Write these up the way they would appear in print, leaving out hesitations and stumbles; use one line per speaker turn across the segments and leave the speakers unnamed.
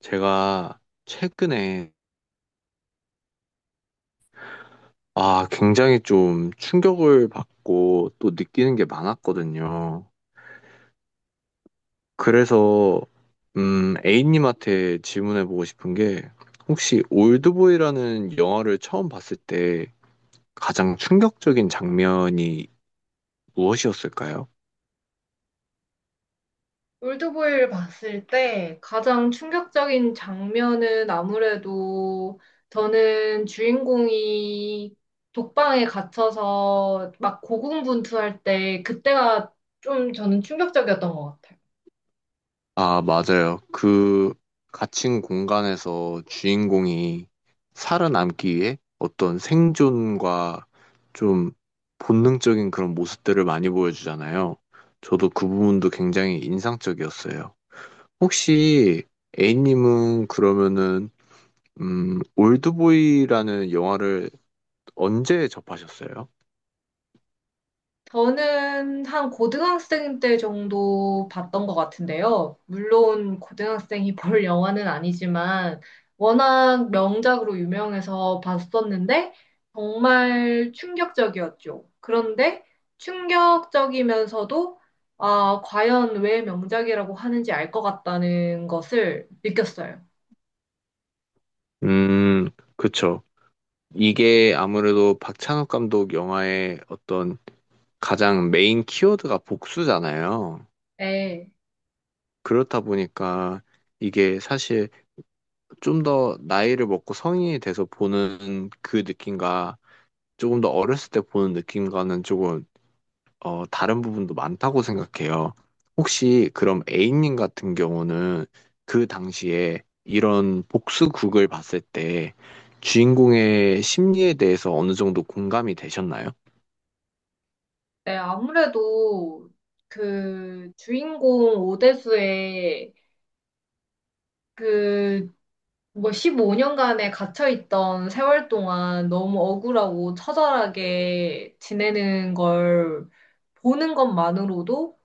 제가 최근에 아, 굉장히 좀 충격을 받고 또 느끼는 게 많았거든요. 그래서 A님한테 질문해 보고 싶은 게 혹시 올드보이라는 영화를 처음 봤을 때 가장 충격적인 장면이 무엇이었을까요?
올드보이를 봤을 때 가장 충격적인 장면은 아무래도 저는 주인공이 독방에 갇혀서 막 고군분투할 때 그때가 좀 저는 충격적이었던 것 같아요.
아, 맞아요. 그 갇힌 공간에서 주인공이 살아남기 위해 어떤 생존과 좀 본능적인 그런 모습들을 많이 보여주잖아요. 저도 그 부분도 굉장히 인상적이었어요. 혹시 A님은 그러면은 올드보이라는 영화를 언제 접하셨어요?
저는 한 고등학생 때 정도 봤던 것 같은데요. 물론 고등학생이 볼 영화는 아니지만 워낙 명작으로 유명해서 봤었는데 정말 충격적이었죠. 그런데 충격적이면서도 아, 과연 왜 명작이라고 하는지 알 것 같다는 것을 느꼈어요.
음, 그쵸. 이게 아무래도 박찬욱 감독 영화의 어떤 가장 메인 키워드가 복수잖아요.
네,
그렇다 보니까 이게 사실 좀 더 나이를 먹고 성인이 돼서 보는 그 느낌과 조금 더 어렸을 때 보는 느낌과는 조금 다른 부분도 많다고 생각해요. 혹시 그럼 A님 같은 경우는 그 당시에 이런 복수극을 봤을 때 주인공의 심리에 대해서 어느 정도 공감이 되셨나요?
네, 아무래도 그 주인공 오대수의 그 뭐 15년간에 갇혀있던 세월 동안 너무 억울하고 처절하게 지내는 걸 보는 것만으로도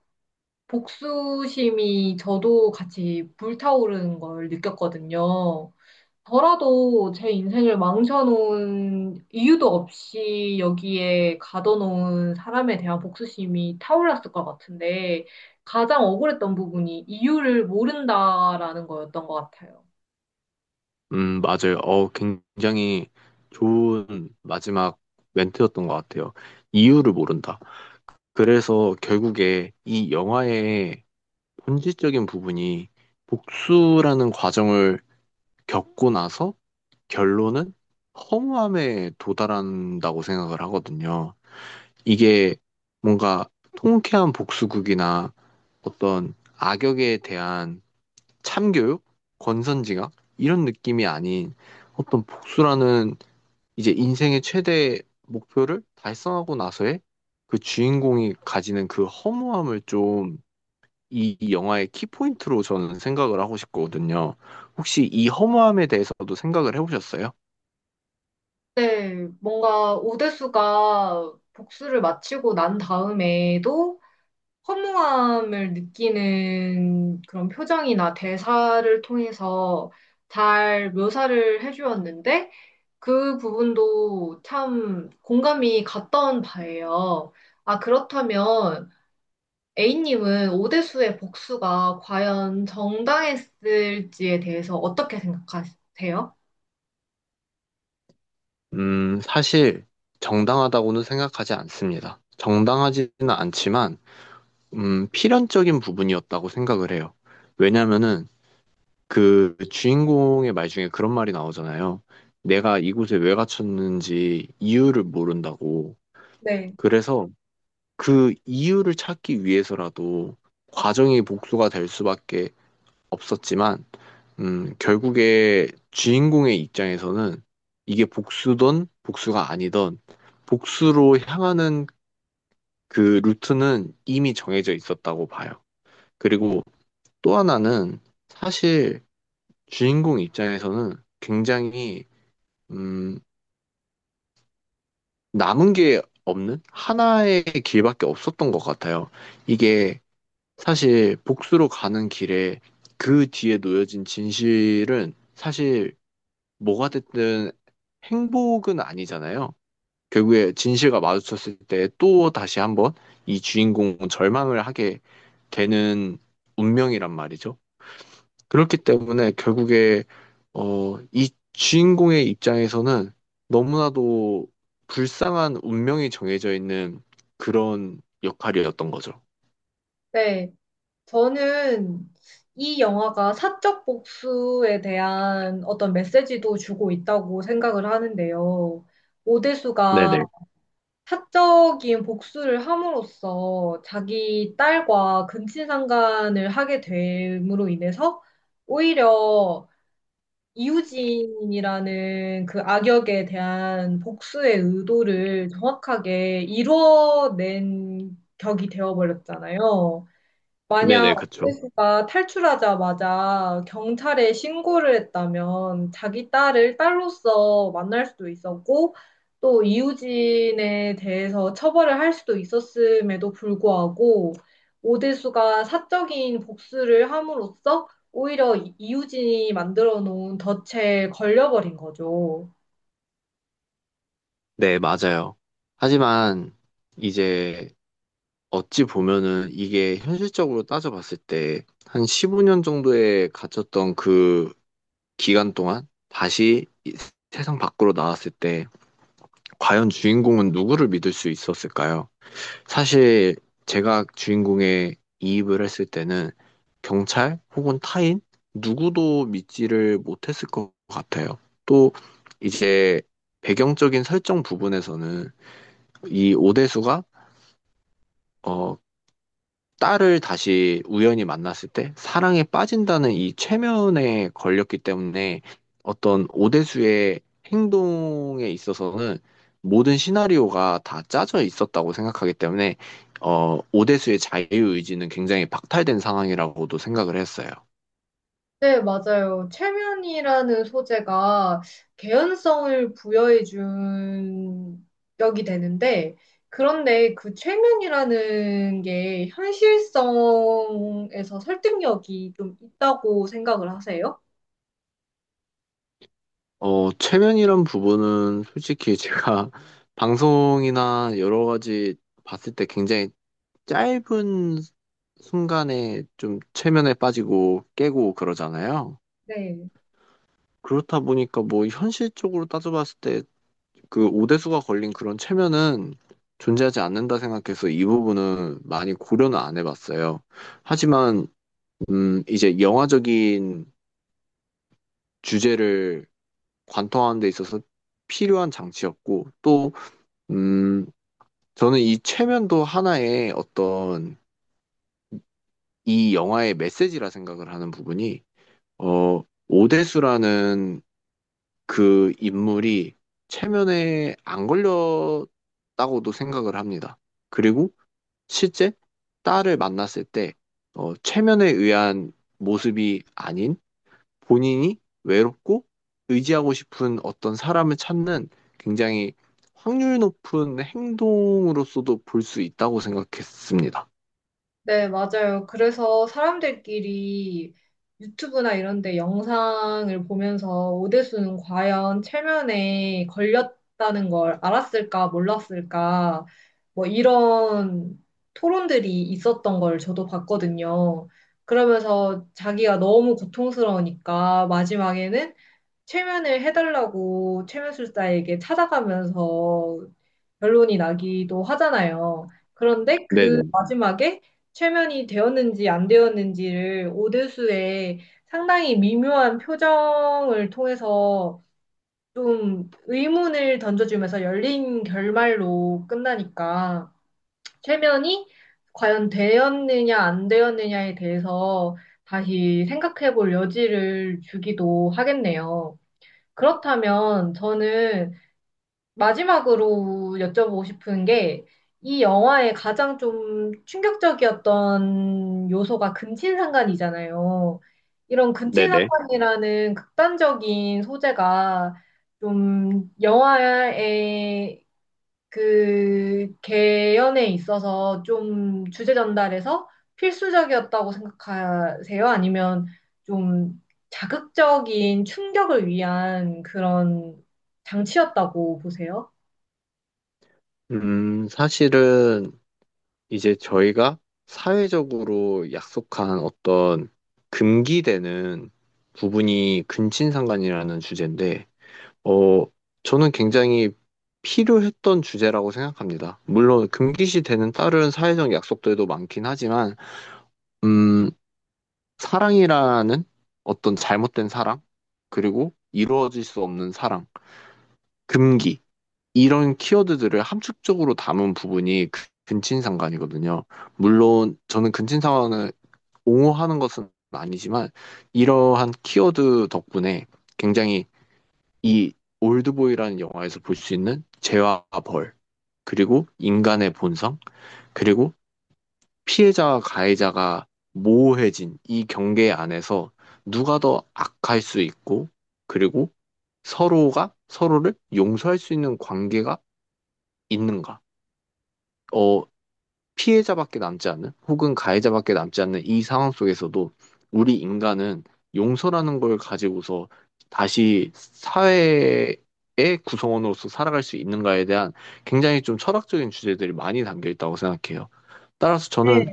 복수심이 저도 같이 불타오르는 걸 느꼈거든요. 저라도 제 인생을 망쳐놓은 이유도 없이 여기에 가둬놓은 사람에 대한 복수심이 타올랐을 것 같은데 가장 억울했던 부분이 이유를 모른다라는 거였던 것 같아요.
맞아요. 굉장히 좋은 마지막 멘트였던 것 같아요. 이유를 모른다. 그래서 결국에 이 영화의 본질적인 부분이 복수라는 과정을 겪고 나서 결론은 허무함에 도달한다고 생각을 하거든요. 이게 뭔가 통쾌한 복수극이나 어떤 악역에 대한 참교육, 권선징악 이런 느낌이 아닌 어떤 복수라는 이제 인생의 최대 목표를 달성하고 나서의 그 주인공이 가지는 그 허무함을 좀 이 영화의 키포인트로 저는 생각을 하고 싶거든요. 혹시 이 허무함에 대해서도 생각을 해보셨어요?
네, 뭔가 오대수가 복수를 마치고 난 다음에도 허무함을 느끼는 그런 표정이나 대사를 통해서 잘 묘사를 해주었는데 그 부분도 참 공감이 갔던 바예요. 아, 그렇다면 A님은 오대수의 복수가 과연 정당했을지에 대해서 어떻게 생각하세요?
사실 정당하다고는 생각하지 않습니다. 정당하지는 않지만, 필연적인 부분이었다고 생각을 해요. 왜냐면은 그 주인공의 말 중에 그런 말이 나오잖아요. 내가 이곳에 왜 갇혔는지 이유를 모른다고.
네.
그래서 그 이유를 찾기 위해서라도 과정이 복수가 될 수밖에 없었지만, 결국에 주인공의 입장에서는 이게 복수든 복수가 아니든 복수로 향하는 그 루트는 이미 정해져 있었다고 봐요. 그리고 또 하나는 사실 주인공 입장에서는 굉장히, 음, 남은 게 없는 하나의 길밖에 없었던 것 같아요. 이게 사실 복수로 가는 길에 그 뒤에 놓여진 진실은 사실 뭐가 됐든 행복은 아니잖아요. 결국에 진실과 마주쳤을 때 또 다시 한번 이 주인공은 절망을 하게 되는 운명이란 말이죠. 그렇기 때문에 결국에 이 주인공의 입장에서는 너무나도 불쌍한 운명이 정해져 있는 그런 역할이었던 거죠.
네. 저는 이 영화가 사적 복수에 대한 어떤 메시지도 주고 있다고 생각을 하는데요. 오대수가
네네.
사적인 복수를 함으로써 자기 딸과 근친상간을 하게 됨으로 인해서 오히려 이우진이라는 그 악역에 대한 복수의 의도를 정확하게 이뤄낸 격이 되어버렸잖아요. 만약
네네, 그쵸.
오해수가 탈출하자마자 경찰에 신고를 했다면 자기 딸을 딸로서 만날 수도 있었고 또 이우진에 대해서 처벌을 할 수도 있었음에도 불구하고 오대수가 사적인 복수를 함으로써 오히려 이우진이 만들어 놓은 덫에 걸려버린 거죠.
네, 맞아요. 하지만 이제 어찌 보면은 이게 현실적으로 따져봤을 때 한 15년 정도에 갇혔던 그 기간 동안 다시 이 세상 밖으로 나왔을 때 과연 주인공은 누구를 믿을 수 있었을까요? 사실 제가 주인공에 이입을 했을 때는 경찰 혹은 타인 누구도 믿지를 못했을 것 같아요. 또 이제 배경적인 설정 부분에서는 이 오대수가 어, 딸을 다시 우연히 만났을 때 사랑에 빠진다는 이 최면에 걸렸기 때문에 어떤 오대수의 행동에 있어서는 모든 시나리오가 다 짜져 있었다고 생각하기 때문에 오대수의 자유의지는 굉장히 박탈된 상황이라고도 생각을 했어요.
네, 맞아요. 최면이라는 소재가 개연성을 부여해준 역이 되는데, 그런데 그 최면이라는 게 현실성에서 설득력이 좀 있다고 생각을 하세요?
최면이란 부분은 솔직히 제가 방송이나 여러 가지 봤을 때 굉장히 짧은 순간에 좀 최면에 빠지고 깨고 그러잖아요.
네.
그렇다 보니까 뭐 현실적으로 따져봤을 때 그 오대수가 걸린 그런 체면은 존재하지 않는다 생각해서 이 부분은 많이 고려는 안 해봤어요. 하지만 이제 영화적인 주제를 관통하는 데 있어서 필요한 장치였고 또음 저는 이 체면도 하나의 어떤 이 영화의 메시지라 생각을 하는 부분이 오대수라는 그 인물이 체면에 안 걸렸다고도 생각을 합니다. 그리고 실제 딸을 만났을 때, 체면에 의한 모습이 아닌 본인이 외롭고 의지하고 싶은 어떤 사람을 찾는 굉장히 확률 높은 행동으로서도 볼 수 있다고 생각했습니다.
네, 맞아요. 그래서 사람들끼리 유튜브나 이런 데 영상을 보면서 오대수는 과연 체면에 걸렸다는 걸 알았을까, 몰랐을까, 뭐 이런 토론들이 있었던 걸 저도 봤거든요. 그러면서 자기가 너무 고통스러우니까 마지막에는 체면을 해달라고 체면술사에게 찾아가면서 결론이 나기도 하잖아요. 그런데 그
네네.
마지막에 최면이 되었는지 안 되었는지를 오대수의 상당히 미묘한 표정을 통해서 좀 의문을 던져주면서 열린 결말로 끝나니까 최면이 과연 되었느냐 안 되었느냐에 대해서 다시 생각해 볼 여지를 주기도 하겠네요. 그렇다면 저는 마지막으로 여쭤보고 싶은 게, 이 영화의 가장 좀 충격적이었던 요소가 근친상간이잖아요. 이런
네네.
근친상간이라는 극단적인 소재가 좀 영화의 그 개연에 있어서 좀 주제 전달에서 필수적이었다고 생각하세요? 아니면 좀 자극적인 충격을 위한 그런 장치였다고 보세요?
사실은 이제 저희가 사회적으로 약속한 어떤 금기되는 부분이 근친상간이라는 주제인데, 어, 저는 굉장히 필요했던 주제라고 생각합니다. 물론 금기시 되는 다른 사회적 약속들도 많긴 하지만, 음, 사랑이라는 어떤 잘못된 사랑, 그리고 이루어질 수 없는 사랑, 금기, 이런 키워드들을 함축적으로 담은 부분이 근친상간이거든요. 물론 저는 근친상간을 옹호하는 것은 아니지만 이러한 키워드 덕분에 굉장히 이 올드보이라는 영화에서 볼 수 있는 죄와 벌, 그리고 인간의 본성, 그리고 피해자와 가해자가 모호해진 이 경계 안에서 누가 더 악할 수 있고, 그리고 서로가 서로를 용서할 수 있는 관계가 있는가? 어, 피해자밖에 남지 않는 혹은 가해자밖에 남지 않는 이 상황 속에서도 우리 인간은 용서라는 걸 가지고서 다시 사회의 구성원으로서 살아갈 수 있는가에 대한 굉장히 좀 철학적인 주제들이 많이 담겨 있다고 생각해요. 따라서 저는
네,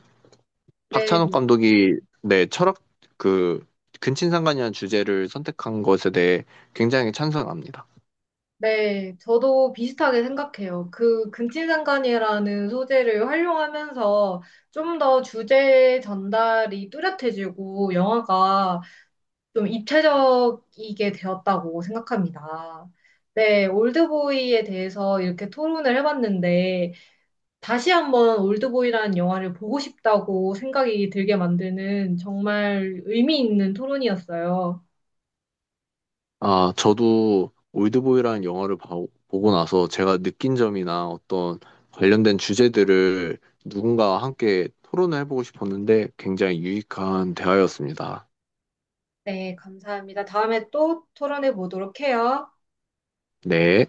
네,
박찬욱 감독이 네, 철학 그 근친상간이라는 주제를 선택한 것에 대해 굉장히 찬성합니다.
네. 저도 비슷하게 생각해요. 그 근친상간이라는 소재를 활용하면서 좀 더 주제 전달이 뚜렷해지고 영화가 좀 입체적이게 되었다고 생각합니다. 네, 올드보이에 대해서 이렇게 토론을 해봤는데 다시 한번 올드보이라는 영화를 보고 싶다고 생각이 들게 만드는 정말 의미 있는 토론이었어요.
아, 저도 올드보이라는 영화를 보고 나서 제가 느낀 점이나 어떤 관련된 주제들을 누군가와 함께 토론을 해보고 싶었는데 굉장히 유익한 대화였습니다.
네, 감사합니다. 다음에 또 토론해 보도록 해요.
네.